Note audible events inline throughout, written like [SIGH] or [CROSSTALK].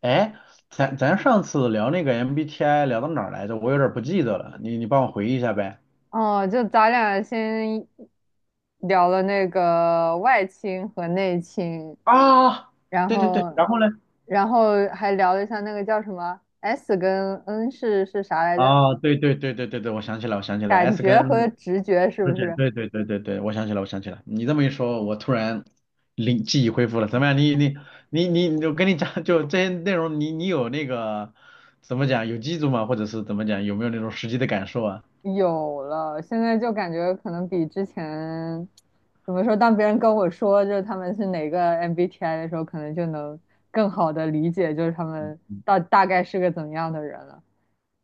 哎，咱上次聊那个 MBTI 聊到哪儿来着？我有点儿不记得了，你帮我回忆一下呗。哦，就咱俩先聊了那个外倾和内倾，啊，然对对对，后，然后呢？然后还聊了一下那个叫什么 S 跟 N 是啥来着？啊，对对对对对对，我想起来，我想起来感，S 觉跟 和直觉是 R 不姐，是对对对对对，我想起来，我想起来。你这么一说，我突然灵记忆恢复了。怎么样？你，我跟你讲，就这些内容，你有那个怎么讲，有记住吗？或者是怎么讲，有没有那种实际的感受啊？有了？现在就感觉可能比之前怎么说，当别人跟我说就是他们是哪个 MBTI 的时候，可能就能更好的理解就是他们到大概是个怎么样的人了。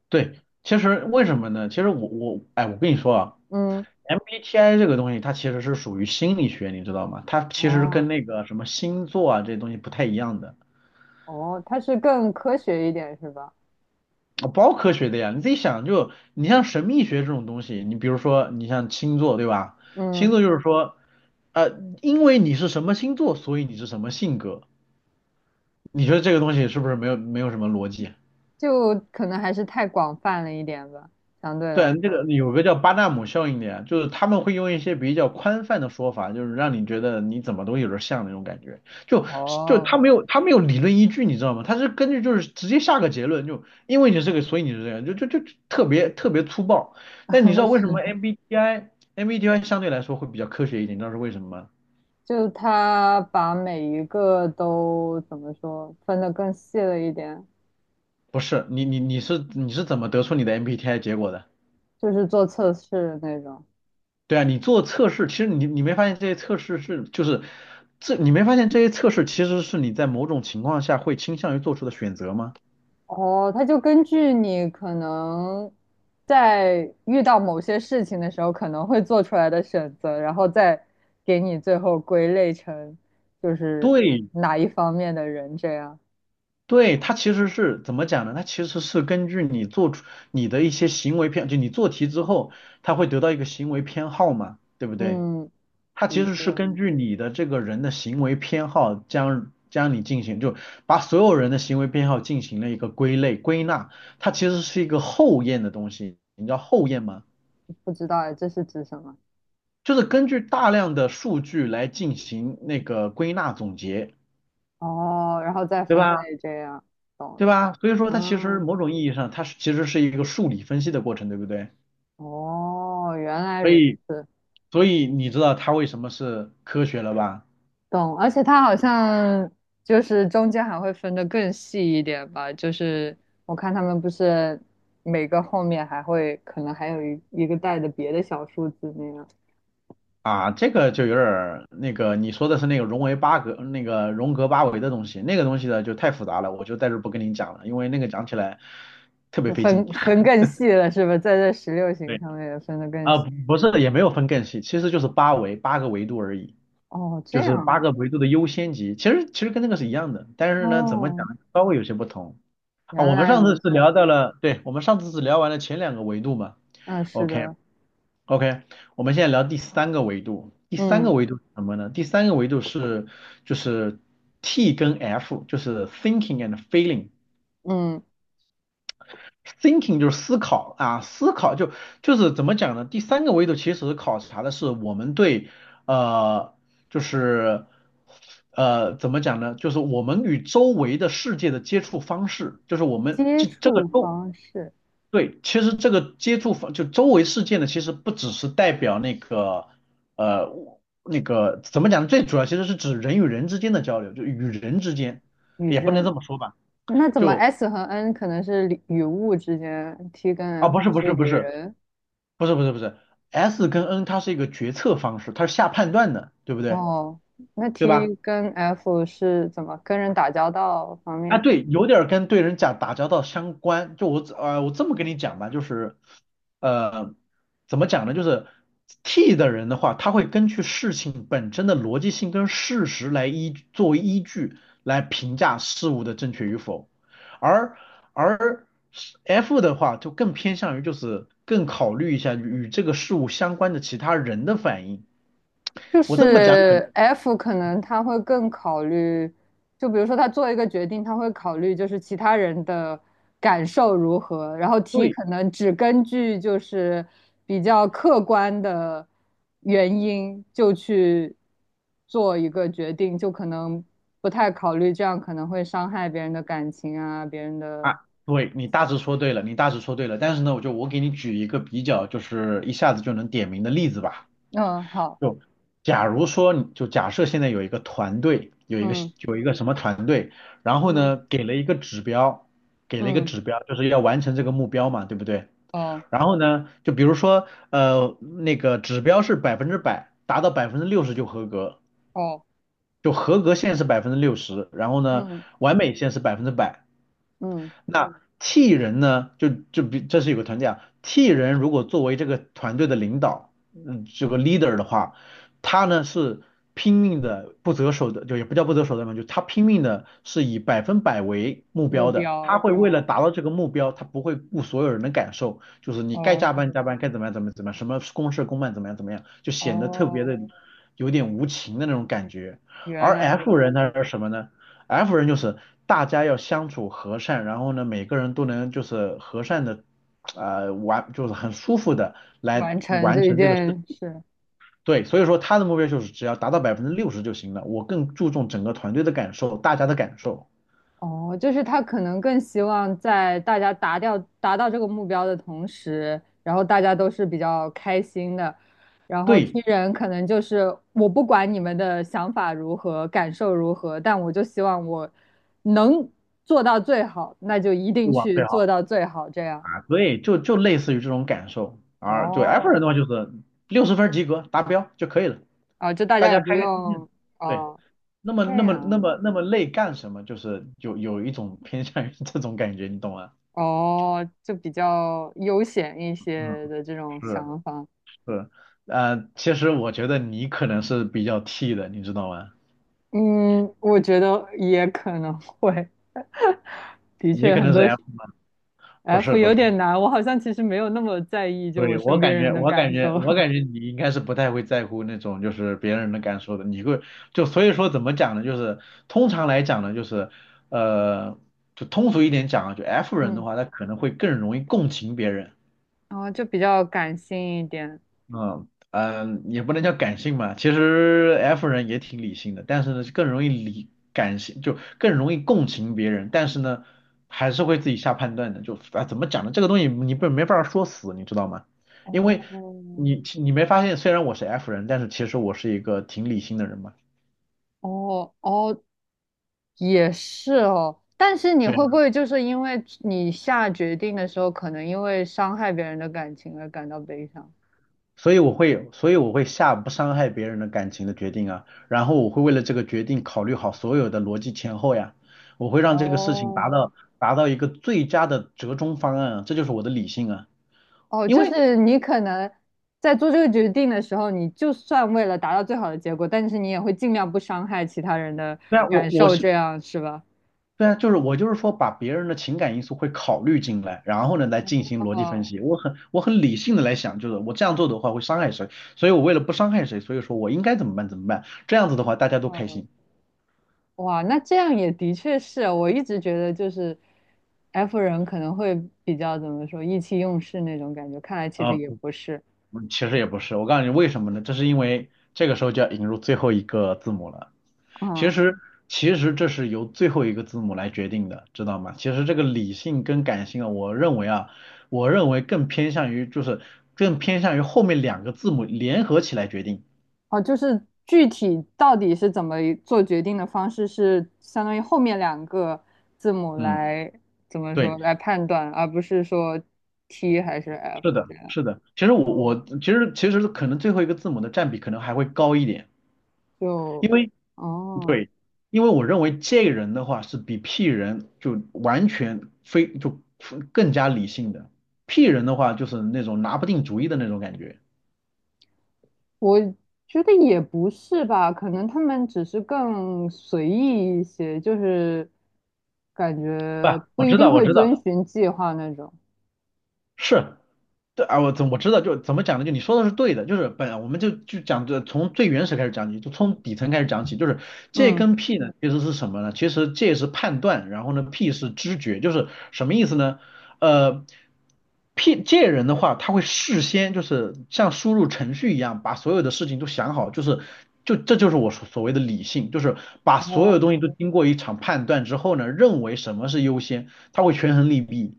对，其实为什么呢？其实我哎，我跟你说啊。嗯，MBTI 这个东西，它其实是属于心理学，你知道吗？它其实跟哦。那个什么星座啊这些东西不太一样的，哦，它是更科学一点是吧？啊包科学的呀。你自己想就，你像神秘学这种东西，你比如说你像星座对吧？星嗯，座就是说，呃，因为你是什么星座，所以你是什么性格。你觉得这个东西是不是没有什么逻辑啊？就可能还是太广泛了一点吧，相对来对，这个说。有个叫巴纳姆效应的呀，就是他们会用一些比较宽泛的说法，就是让你觉得你怎么都有点像那种感觉，就就他哦，没有他没有理论依据，你知道吗？他是根据就是直接下个结论，就因为你是这个，所以你是这样，就特别特别粗暴。但你知 [LAUGHS] 道为什么 是，MBTI 相对来说会比较科学一点？你知道是为什么吗？就它把每一个都怎么说分得更细了一点，不是，你是怎么得出你的 MBTI 结果的？就是做测试那种。对啊，你做测试，其实你没发现这些测试是就是这你没发现这些测试其实是你在某种情况下会倾向于做出的选择吗？哦，它就根据你可能在遇到某些事情的时候可能会做出来的选择，然后再给你最后归类成就是对哪一方面的人这样。对，它其实是怎么讲呢？它其实是根据你做出你的一些行为偏，就你做题之后，它会得到一个行为偏好嘛，对不对？嗯，它其你实是是根据你的这个人的行为偏好将你进行，就把所有人的行为偏好进行了一个归类归纳，它其实是一个后验的东西，你知道后验吗？不知道哎，这是指什么？就是根据大量的数据来进行那个归纳总结，哦，然后再对分吧？类这样，懂对了。吧？所以说它其实嗯，某种意义上，它是其实是一个数理分析的过程，对不对？哦，原来所如以，此，所以你知道它为什么是科学了吧？懂。而且它好像就是中间还会分得更细一点吧，就是我看他们不是每个后面还会可能还有一个带的别的小数字那样，啊，这个就有点儿那个，你说的是那个荣维八格、那个荣格八维的东西，那个东西呢就太复杂了，我就在这儿不跟您讲了，因为那个讲起来特别就费劲。分 [LAUGHS] 更细了是吧？在这16行对，上面也分得更啊，细。不不是，也没有分更细，其实就是八维八个维度而已。哦，这就是样八啊。个维度的优先级，其实跟那个是一样的，但是呢，怎么讲哦，稍微有些不同啊。原我们来上次如是此。聊到了，对，我们上次是聊完了前两个维度嘛嗯，是，OK 的。OK，我们现在聊第三个维度，第三个嗯。维度是什么呢？第三个维度是就是 T 跟 F，就是 thinking and feeling。嗯，thinking 就是思考啊，思考就就是怎么讲呢？第三个维度其实考察的是我们对呃，就是怎么讲呢？就是我们与周围的世界的接触方式，就是我们接这个触周方式对，其实这个接触方就周围世界呢，其实不只是代表那个呃那个怎么讲呢？最主要其实是指人与人之间的交流，就与人之间，与也不能人，这么说吧。那怎么 就 S 和 N 可能是与物之间，T 跟 啊，F 不是不是是不与是，人。不是，S 跟 N 它是一个决策方式，它是下判断的，对不对？哦，那 对吧？T 跟 F 是怎么跟人打交道方啊，面？对，有点儿跟对人讲打交道相关。就我我这么跟你讲吧，就是呃，怎么讲呢？就是 T 的人的话，他会根据事情本身的逻辑性跟事实来依作为依据来评价事物的正确与否，而而 F 的话就更偏向于就是更考虑一下与这个事物相关的其他人的反应。就我这么讲可能是 F 可能他会更考虑，就比如说他做一个决定，他会考虑就是其他人的感受如何，然后 T 对可能只根据就是比较客观的原因就去做一个决定，就可能不太考虑这样可能会伤害别人的感情啊，别人的，啊，对你大致说对了，你大致说对了。但是呢，我就我给你举一个比较，就是一下子就能点名的例子吧。嗯，好，就假如说你，就假设现在有一个团队，有一个嗯有一个什么团队，然后嗯呢给了一个指标，给了一个嗯，指标，就是要完成这个目标嘛，对不对？哦然后呢，就比如说那个指标是百分之百，达到百分之六十就合格，哦，就合格线是百分之六十，然后呢嗯完美线是百分之百。嗯，那 T 人呢，就就比这是有个团队啊，T 人如果作为这个团队的领导，嗯，这个 leader 的话，他呢是拼命的不择手段，就也不叫不择手段嘛，就他拼命的是以百分百为目目标的，标，他会为了哦达到这个目标，他不会顾所有人的感受，就是你该加哦。班加班，该怎么样怎么样怎么样，什么公事公办怎么样怎么样，就显得特哦，别的有点无情的那种感觉。原而 来如 F 人他此，是什么呢？F 人就是大家要相处和善，然后呢，每个人都能就是和善的，完就是很舒服的来完成完这一成这个事。件事。对，所以说他的目标就是只要达到百分之六十就行了。我更注重整个团队的感受，大家的感受，哦，就是他可能更希望在大家达到这个目标的同时，然后大家都是比较开心的。然后对，听人可能就是我不管你们的想法如何，感受如何，但我就希望我能做到最好，那就一定就往去最做好到最好，这样。啊，对，就就类似于这种感受。而对 F 人的哦，话就是六十分及格达标就可以了，啊，这大大家也家不开开心心的。用对，哦，那么这那么那样。么那么累干什么？就是有有一种偏 [LAUGHS] 向于这种感觉，你懂吗？哦，就比较悠闲一嗯。些的这种是想法。是，其实我觉得你可能是比较 T 的，你知道吗？嗯，我觉得也可能会，的你确可很能是 多 F，不 F 是不有是，点难，我好像其实没有那么在意就对，我身我边感人觉的我感感觉受，我感觉你应该是不太会在乎那种就是别人的感受的，你会就所以说怎么讲呢？就是通常来讲呢，就是呃，就通俗一点讲啊，就 F [LAUGHS] 人的嗯，话，他可能会更容易共情别人。然后就比较感性一点。嗯嗯，也不能叫感性吧，其实 F 人也挺理性的，但是呢，更容易理感性，就更容易共情别人，但是呢，还是会自己下判断的。就啊，怎么讲呢？这个东西你不没法说死，你知道吗？因为哦你没发现，虽然我是 F 人，但是其实我是一个挺理性的人嘛。哦哦，也是哦。但是你对。会不会就是因为你下决定的时候，可能因为伤害别人的感情而感到悲伤？所以我会，所以我会下不伤害别人的感情的决定啊，然后我会为了这个决定考虑好所有的逻辑前后呀，我会让这个事情达哦到达到一个最佳的折中方案啊，这就是我的理性啊，哦，因就为是你可能在做这个决定的时候，你就算为了达到最好的结果，但是你也会尽量不伤害其他人的对啊，我感我受，是这样是吧？对啊，就是我就是说把别人的情感因素会考虑进来，然后呢来进行逻辑分哦析，我很理性的来想，就是我这样做的话会伤害谁，所以我为了不伤害谁，所以说我应该怎么办怎么办，这样子的话大家都开哦，心。哇，那这样也的确是，我一直觉得就是 F 人可能会比较怎么说意气用事那种感觉，看来其啊。实也嗯不是。其实也不是，我告诉你为什么呢？这是因为这个时候就要引入最后一个字母了。其嗯实，其实这是由最后一个字母来决定的，知道吗？其实这个理性跟感性啊，我认为啊，我认为更偏向于就是更偏向于后面两个字母联合起来决定。哦，就是具体到底是怎么做决定的方式，是相当于后面两个字母嗯，来怎么对，说来判断，而不是说 T 还是 是 F 的，这样。是的。其实我哦，我其实其实可能最后一个字母的占比可能还会高一点，就因为哦，对，因为我认为这个人的话是比 P 人就完全非就更加理性的，P 人的话就是那种拿不定主意的那种感觉。我觉得也不是吧，可能他们只是更随意一些，就是感不，觉不我一知定道，我会知道，遵循计划那种。是，对啊，我怎我知道，就怎么讲呢？就你说的是对的，就是本我们就就讲这从最原始开始讲起，就从底层开始讲起，就是这嗯，跟 P 呢其实是什么呢？其实这是判断，然后呢 P 是知觉，就是什么意思呢？呃，P 这人的话，他会事先就是像输入程序一样，把所有的事情都想好，就是就这就是我所所谓的理性，就是把所有哦，东西都经过一场判断之后呢，认为什么是优先，他会权衡利弊。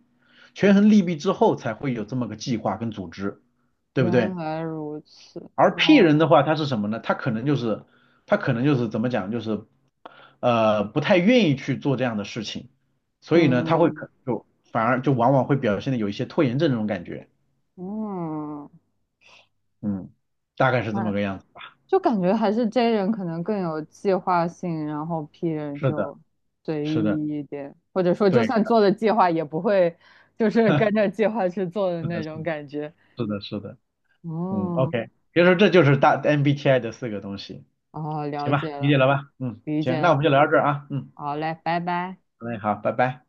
权衡利弊之后才会有这么个计划跟组织，对不原对？来如此。而 P 人哦，的话，他是什么呢？他可能就是怎么讲，就是不太愿意去做这样的事情，所以呢，他会嗯可就反而就往往会表现的有一些拖延症这种感觉，嗯。嗯，大概是这么那。个样子。就感觉还是 J 人可能更有计划性，然后 P 人是的，就随是的，意一点，或者说就对，算做了计划，也不会就是 [LAUGHS] 跟着计划去做的是的，那是种的，感觉。是的，嗯哦，，OK，别说这就是大 MBTI 的四个东西，哦，了行吧，解理了，解了吧？嗯，理解行，那我了。们就聊到这儿啊，嗯，好嘞，拜拜。好嘞，好，拜拜。